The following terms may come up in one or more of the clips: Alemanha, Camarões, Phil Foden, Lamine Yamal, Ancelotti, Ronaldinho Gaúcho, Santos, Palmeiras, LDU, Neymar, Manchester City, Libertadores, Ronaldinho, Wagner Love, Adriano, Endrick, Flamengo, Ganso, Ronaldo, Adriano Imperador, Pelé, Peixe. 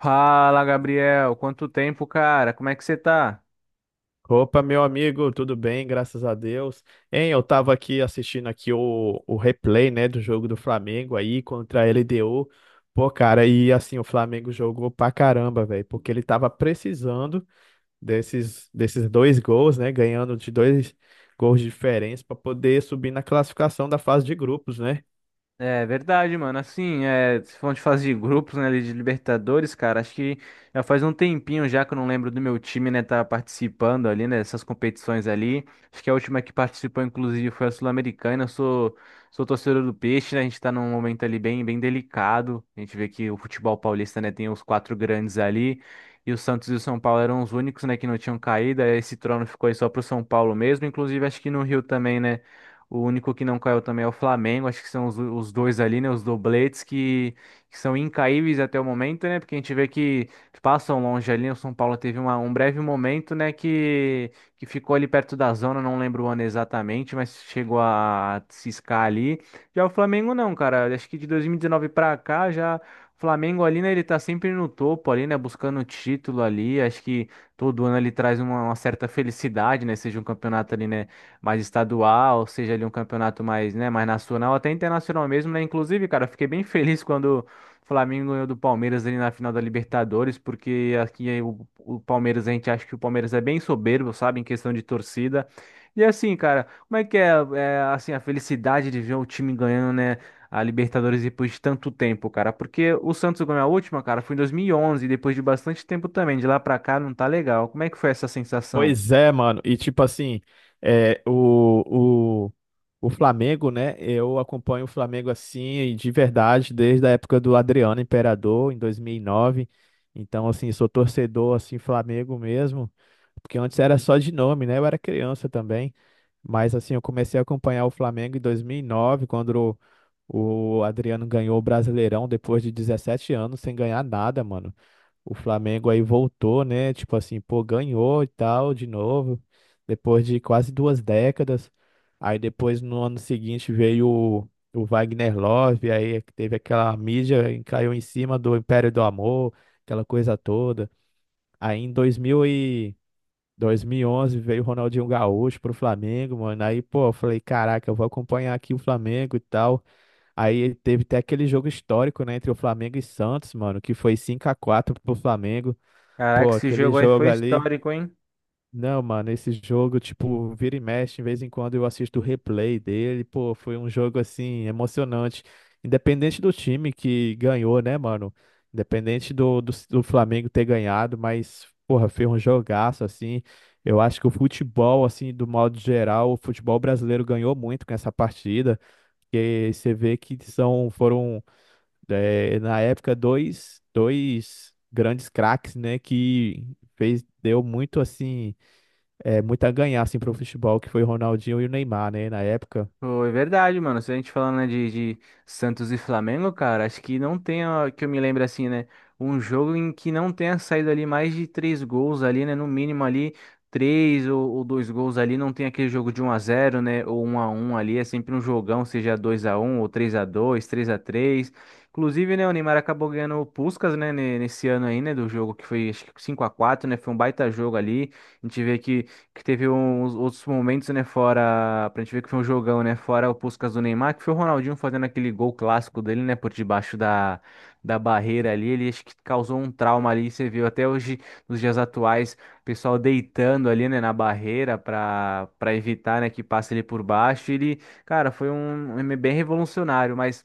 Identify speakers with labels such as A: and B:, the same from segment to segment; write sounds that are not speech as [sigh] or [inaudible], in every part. A: Fala, Gabriel. Quanto tempo, cara? Como é que você tá?
B: Opa, meu amigo, tudo bem? Graças a Deus. Hein, eu tava aqui assistindo aqui o replay, né, do jogo do Flamengo aí contra a LDU. Pô, cara, e assim, o Flamengo jogou pra caramba, velho, porque ele tava precisando desses dois gols, né, ganhando de dois gols de diferença pra poder subir na classificação da fase de grupos, né?
A: É verdade, mano. Assim, é, se for de fase de grupos, né, ali de Libertadores, cara, acho que já faz um tempinho já que eu não lembro do meu time, né, tá participando ali, né, dessas competições ali. Acho que a última que participou, inclusive, foi a Sul-Americana. Eu sou torcedor do Peixe, né, a gente tá num momento ali bem, bem delicado. A gente vê que o futebol paulista, né, tem os quatro grandes ali, e o Santos e o São Paulo eram os únicos, né, que não tinham caído. Aí, esse trono ficou aí só pro São Paulo mesmo, inclusive acho que no Rio também, né, o único que não caiu também é o Flamengo. Acho que são os dois ali, né? Os dobletes que são incaíveis até o momento, né? Porque a gente vê que passam longe ali, né. O São Paulo teve um breve momento, né? Que ficou ali perto da zona, não lembro o ano exatamente, mas chegou a ciscar ali. Já o Flamengo não, cara. Acho que de 2019 pra cá já. O Flamengo ali, né, ele tá sempre no topo ali, né, buscando o título ali, acho que todo ano ele traz uma certa felicidade, né, seja um campeonato ali, né, mais estadual, seja ali um campeonato mais, né, mais nacional, até internacional mesmo, né? Inclusive, cara, eu fiquei bem [laughs] feliz quando o Flamengo ganhou do Palmeiras ali na final da Libertadores, porque aqui o Palmeiras, a gente acha que o Palmeiras é bem soberbo, sabe, em questão de torcida. E assim, cara, como é que é, assim, a felicidade de ver o time ganhando, né? A Libertadores depois de tanto tempo, cara. Porque o Santos ganhou a última, cara, foi em 2011, e onze, depois de bastante tempo também. De lá pra cá não tá legal. Como é que foi essa sensação?
B: Pois é, mano. E tipo assim, é, o, o, o Flamengo, né? Eu acompanho o Flamengo assim, de verdade, desde a época do Adriano Imperador, em 2009. Então, assim, sou torcedor, assim, Flamengo mesmo. Porque antes era só de nome, né? Eu era criança também. Mas, assim, eu comecei a acompanhar o Flamengo em 2009 quando o Adriano ganhou o Brasileirão, depois de 17 anos, sem ganhar nada, mano. O Flamengo aí voltou, né? Tipo assim, pô, ganhou e tal, de novo, depois de quase duas décadas. Aí depois, no ano seguinte, veio o Wagner Love, aí teve aquela mídia, e caiu em cima do Império do Amor, aquela coisa toda. Aí em 2011 veio o Ronaldinho Gaúcho pro Flamengo, mano. Aí, pô, eu falei, caraca, eu vou acompanhar aqui o Flamengo e tal. Aí teve até aquele jogo histórico, né, entre o Flamengo e Santos, mano, que foi 5-4 pro Flamengo.
A: Caraca,
B: Pô,
A: esse
B: aquele
A: jogo aí
B: jogo
A: foi
B: ali.
A: histórico, hein?
B: Não, mano, esse jogo, tipo, vira e mexe, de vez em quando eu assisto o replay dele. Pô, foi um jogo, assim, emocionante. Independente do time que ganhou, né, mano? Independente do Flamengo ter ganhado, mas, porra, foi um jogaço, assim. Eu acho que o futebol, assim, do modo geral, o futebol brasileiro ganhou muito com essa partida. E você vê que foram é, na época, dois grandes craques, né, que deu muito, assim, muito a ganhar, assim, pro futebol, que foi o Ronaldinho e o Neymar, né, na época.
A: Foi verdade, mano. Se a gente falando, né, de Santos e Flamengo, cara, acho que não tem, ó, que eu me lembro assim, né? Um jogo em que não tenha saído ali mais de três gols ali, né? No mínimo ali, três ou dois gols ali. Não tem aquele jogo de um a zero, né? Ou um a um ali. É sempre um jogão, seja 2 a um ou 3 a 2, 3 a 3. Inclusive, né, o Neymar acabou ganhando o Puskás, né, nesse ano aí, né, do jogo que foi, acho que 5 a quatro, né? Foi um baita jogo ali. A gente vê que teve uns outros momentos, né, fora, pra gente ver que foi um jogão, né, fora o Puskás do Neymar, que foi o Ronaldinho fazendo aquele gol clássico dele, né, por debaixo da barreira ali, ele acho que causou um trauma ali, você viu até hoje, nos dias atuais, o pessoal deitando ali, né, na barreira pra evitar, né, que passe ele por baixo, ele, cara, foi um bem revolucionário, mas...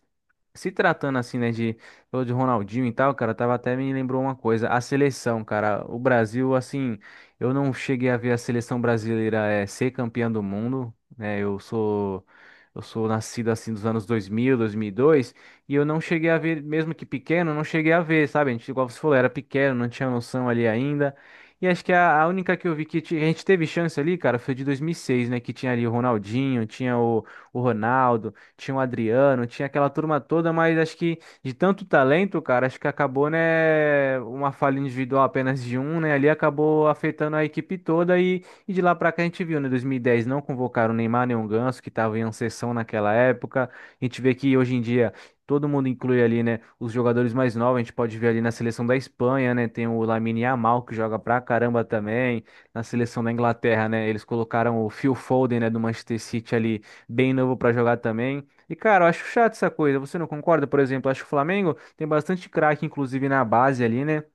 A: Se tratando assim, né, falou de Ronaldinho e tal, cara, tava até me lembrou uma coisa, a seleção, cara, o Brasil, assim, eu não cheguei a ver a seleção brasileira ser campeã do mundo, né? Eu sou nascido assim dos anos 2000, 2002, e dois, e eu não cheguei a ver, mesmo que pequeno, eu não cheguei a ver, sabe? A gente, igual você falou, era pequeno, não tinha noção ali ainda. E acho que a única que eu vi que a gente teve chance ali, cara, foi de 2006, né? Que tinha ali o Ronaldinho, tinha o Ronaldo, tinha o Adriano, tinha aquela turma toda, mas acho que de tanto talento, cara, acho que acabou, né, uma falha individual apenas de um, né, ali acabou afetando a equipe toda e de lá pra cá a gente viu, né, 2010 não convocaram o Neymar nem o Ganso, que estavam em ascensão naquela época, a gente vê que hoje em dia todo mundo inclui ali, né, os jogadores mais novos, a gente pode ver ali na seleção da Espanha, né, tem o Lamine Yamal, que joga pra caramba também, na seleção da Inglaterra, né, eles colocaram o Phil Foden, né, do Manchester City ali, bem novo pra jogar também, e, cara, eu acho chato essa coisa. Você não concorda? Por exemplo, eu acho que o Flamengo tem bastante craque, inclusive na base ali, né? O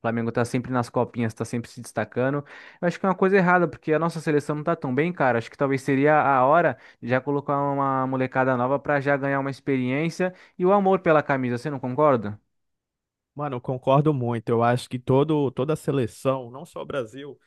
A: Flamengo tá sempre nas copinhas, tá sempre se destacando. Eu acho que é uma coisa errada, porque a nossa seleção não tá tão bem, cara. Acho que talvez seria a hora de já colocar uma molecada nova pra já ganhar uma experiência e o amor pela camisa. Você não concorda?
B: Mano, eu concordo muito. Eu acho que toda a seleção, não só o Brasil,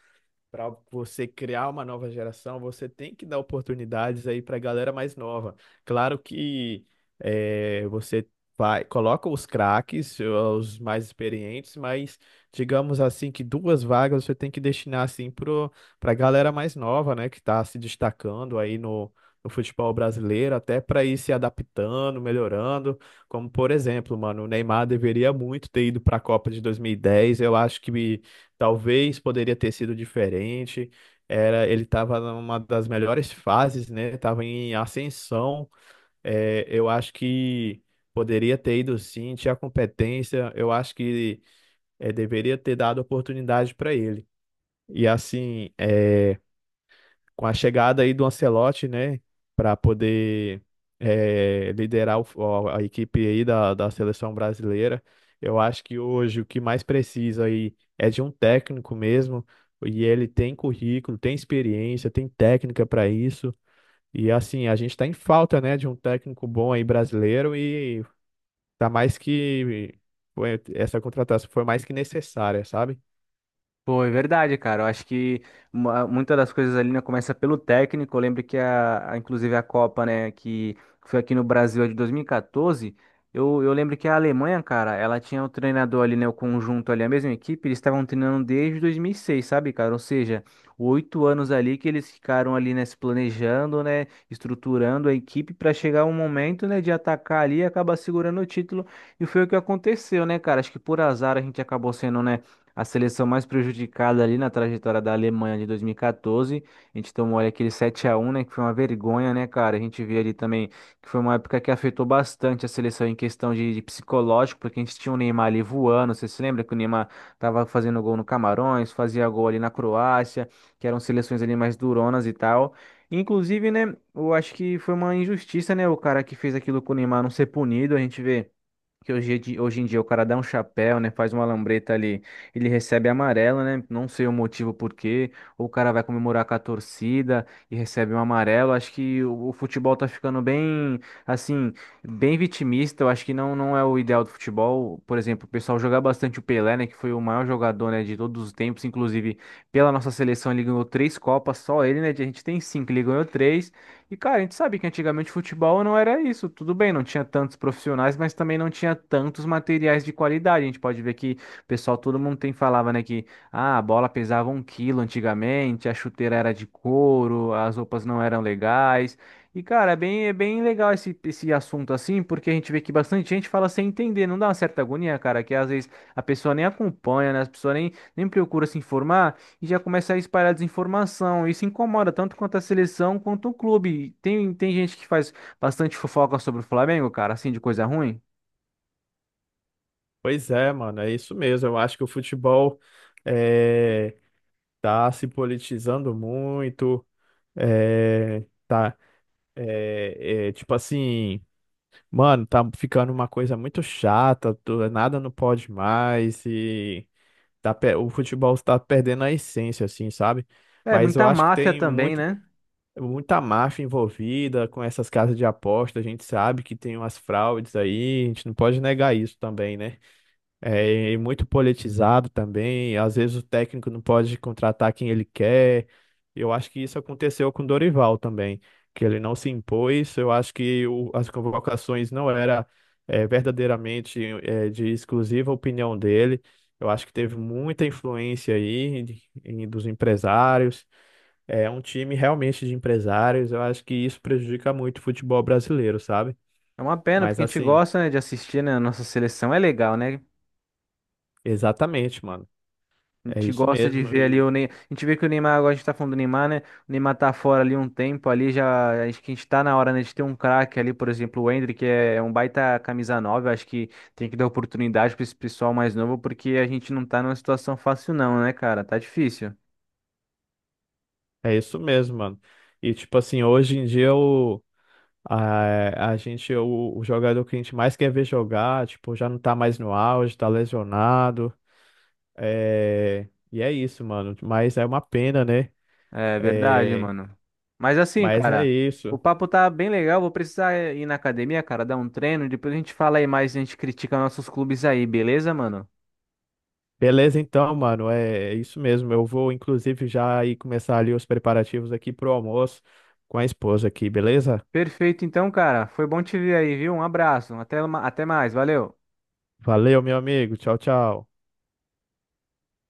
B: para você criar uma nova geração, você tem que dar oportunidades aí para a galera mais nova. Claro que você vai, coloca os craques, os mais experientes, mas digamos assim que duas vagas você tem que destinar assim para a galera mais nova, né, que está se destacando aí No futebol brasileiro, até para ir se adaptando, melhorando. Como, por exemplo, mano, o Neymar deveria muito ter ido para a Copa de 2010. Eu acho que talvez poderia ter sido diferente. Era, ele estava numa das melhores fases, né? Estava em ascensão. É, eu acho que poderia ter ido sim, tinha competência. Eu acho que deveria ter dado oportunidade para ele. E assim, é, com a chegada aí do Ancelotti, né, para poder liderar o a equipe aí da seleção brasileira, eu acho que hoje o que mais precisa aí é de um técnico mesmo, e ele tem currículo, tem experiência, tem técnica para isso, e assim, a gente está em falta, né, de um técnico bom aí brasileiro, e tá mais que, essa contratação foi mais que necessária, sabe?
A: Pô, é verdade, cara. Eu acho que muitas das coisas ali, né, começa pelo técnico. Eu lembro que inclusive a Copa, né, que foi aqui no Brasil a de 2014, eu lembro que a Alemanha, cara, ela tinha o treinador ali, né, o conjunto ali, a mesma equipe, eles estavam treinando desde 2006 sabe, cara? Ou seja, 8 anos ali que eles ficaram ali, né, se planejando, né, estruturando a equipe para chegar um momento, né, de atacar ali e acabar segurando o título. E foi o que aconteceu, né, cara? Acho que por azar a gente acabou sendo, né, a seleção mais prejudicada ali na trajetória da Alemanha de 2014. A gente tomou ali aquele 7-1, né? Que foi uma vergonha, né, cara? A gente vê ali também que foi uma época que afetou bastante a seleção em questão de, psicológico, porque a gente tinha o Neymar ali voando. Você se lembra que o Neymar tava fazendo gol no Camarões, fazia gol ali na Croácia, que eram seleções ali mais duronas e tal. Inclusive, né, eu acho que foi uma injustiça, né, o cara que fez aquilo com o Neymar não ser punido. A gente vê. Que hoje, hoje em dia o cara dá um chapéu, né? Faz uma lambreta ali, ele recebe amarelo, né? Não sei o motivo por quê. Ou o cara vai comemorar com a torcida e recebe um amarelo. Acho que o futebol tá ficando bem, assim, bem vitimista. Eu acho que não, não é o ideal do futebol. Por exemplo, o pessoal jogar bastante o Pelé, né? Que foi o maior jogador, né, de todos os tempos. Inclusive, pela nossa seleção, ele ganhou três Copas, só ele, né? A gente tem cinco, ele ganhou três. E, cara, a gente sabe que antigamente futebol não era isso. Tudo bem, não tinha tantos profissionais, mas também não tinha tantos materiais de qualidade. A gente pode ver que pessoal, todo mundo tem falava, né, que ah, a bola pesava um quilo antigamente, a chuteira era de couro, as roupas não eram legais. E, cara, é bem legal esse assunto assim, porque a gente vê que bastante gente fala sem entender, não dá uma certa agonia, cara, que às vezes a pessoa nem acompanha, né? A pessoa nem procura se informar e já começa a espalhar desinformação. Isso incomoda tanto quanto a seleção quanto o clube. Tem gente que faz bastante fofoca sobre o Flamengo, cara, assim, de coisa ruim.
B: Pois é, mano, é isso mesmo, eu acho que o futebol... eh, tá se politizando muito, é, tá, tipo assim, mano, tá ficando uma coisa muito chata, nada não pode mais e o futebol tá perdendo a essência, assim, sabe?
A: É,
B: Mas eu
A: muita
B: acho que
A: máfia também, né?
B: muita máfia envolvida com essas casas de aposta, a gente sabe que tem umas fraudes aí, a gente não pode negar isso também, né? É, e muito politizado também. Às vezes o técnico não pode contratar quem ele quer. Eu acho que isso aconteceu com o Dorival também, que ele não se impôs. Eu acho que as convocações não era verdadeiramente de exclusiva opinião dele. Eu acho que teve muita influência dos empresários. É um time realmente de empresários. Eu acho que isso prejudica muito o futebol brasileiro, sabe?
A: É uma pena,
B: Mas
A: porque a gente
B: assim,
A: gosta, né, de assistir, né, a nossa seleção. É legal, né?
B: exatamente, mano.
A: A
B: É
A: gente
B: isso
A: gosta de
B: mesmo.
A: ver ali o Neymar. A gente vê que o Neymar, agora a gente tá falando do Neymar, né? O Neymar tá fora ali um tempo ali, já. Acho que a gente tá na hora, né, de ter um craque ali, por exemplo, o Endrick, que é um baita camisa 9. Eu acho que tem que dar oportunidade pra esse pessoal mais novo, porque a gente não tá numa situação fácil, não, né, cara? Tá difícil.
B: É isso mesmo, mano. E tipo assim, hoje em dia a gente, o jogador que a gente mais quer ver jogar, tipo, já não tá mais no auge, tá lesionado. É, e é isso, mano. Mas é uma pena, né?
A: É verdade,
B: É,
A: mano. Mas assim,
B: mas é
A: cara, o
B: isso.
A: papo tá bem legal. Vou precisar ir na academia, cara, dar um treino. Depois a gente fala aí mais, a gente critica nossos clubes aí, beleza, mano?
B: Beleza, então, mano. É, é isso mesmo. Eu vou, inclusive, já ir começar ali os preparativos aqui pro almoço com a esposa aqui, beleza?
A: Perfeito, então, cara. Foi bom te ver aí, viu? Um abraço. Até, até mais. Valeu.
B: Valeu, meu amigo. Tchau, tchau.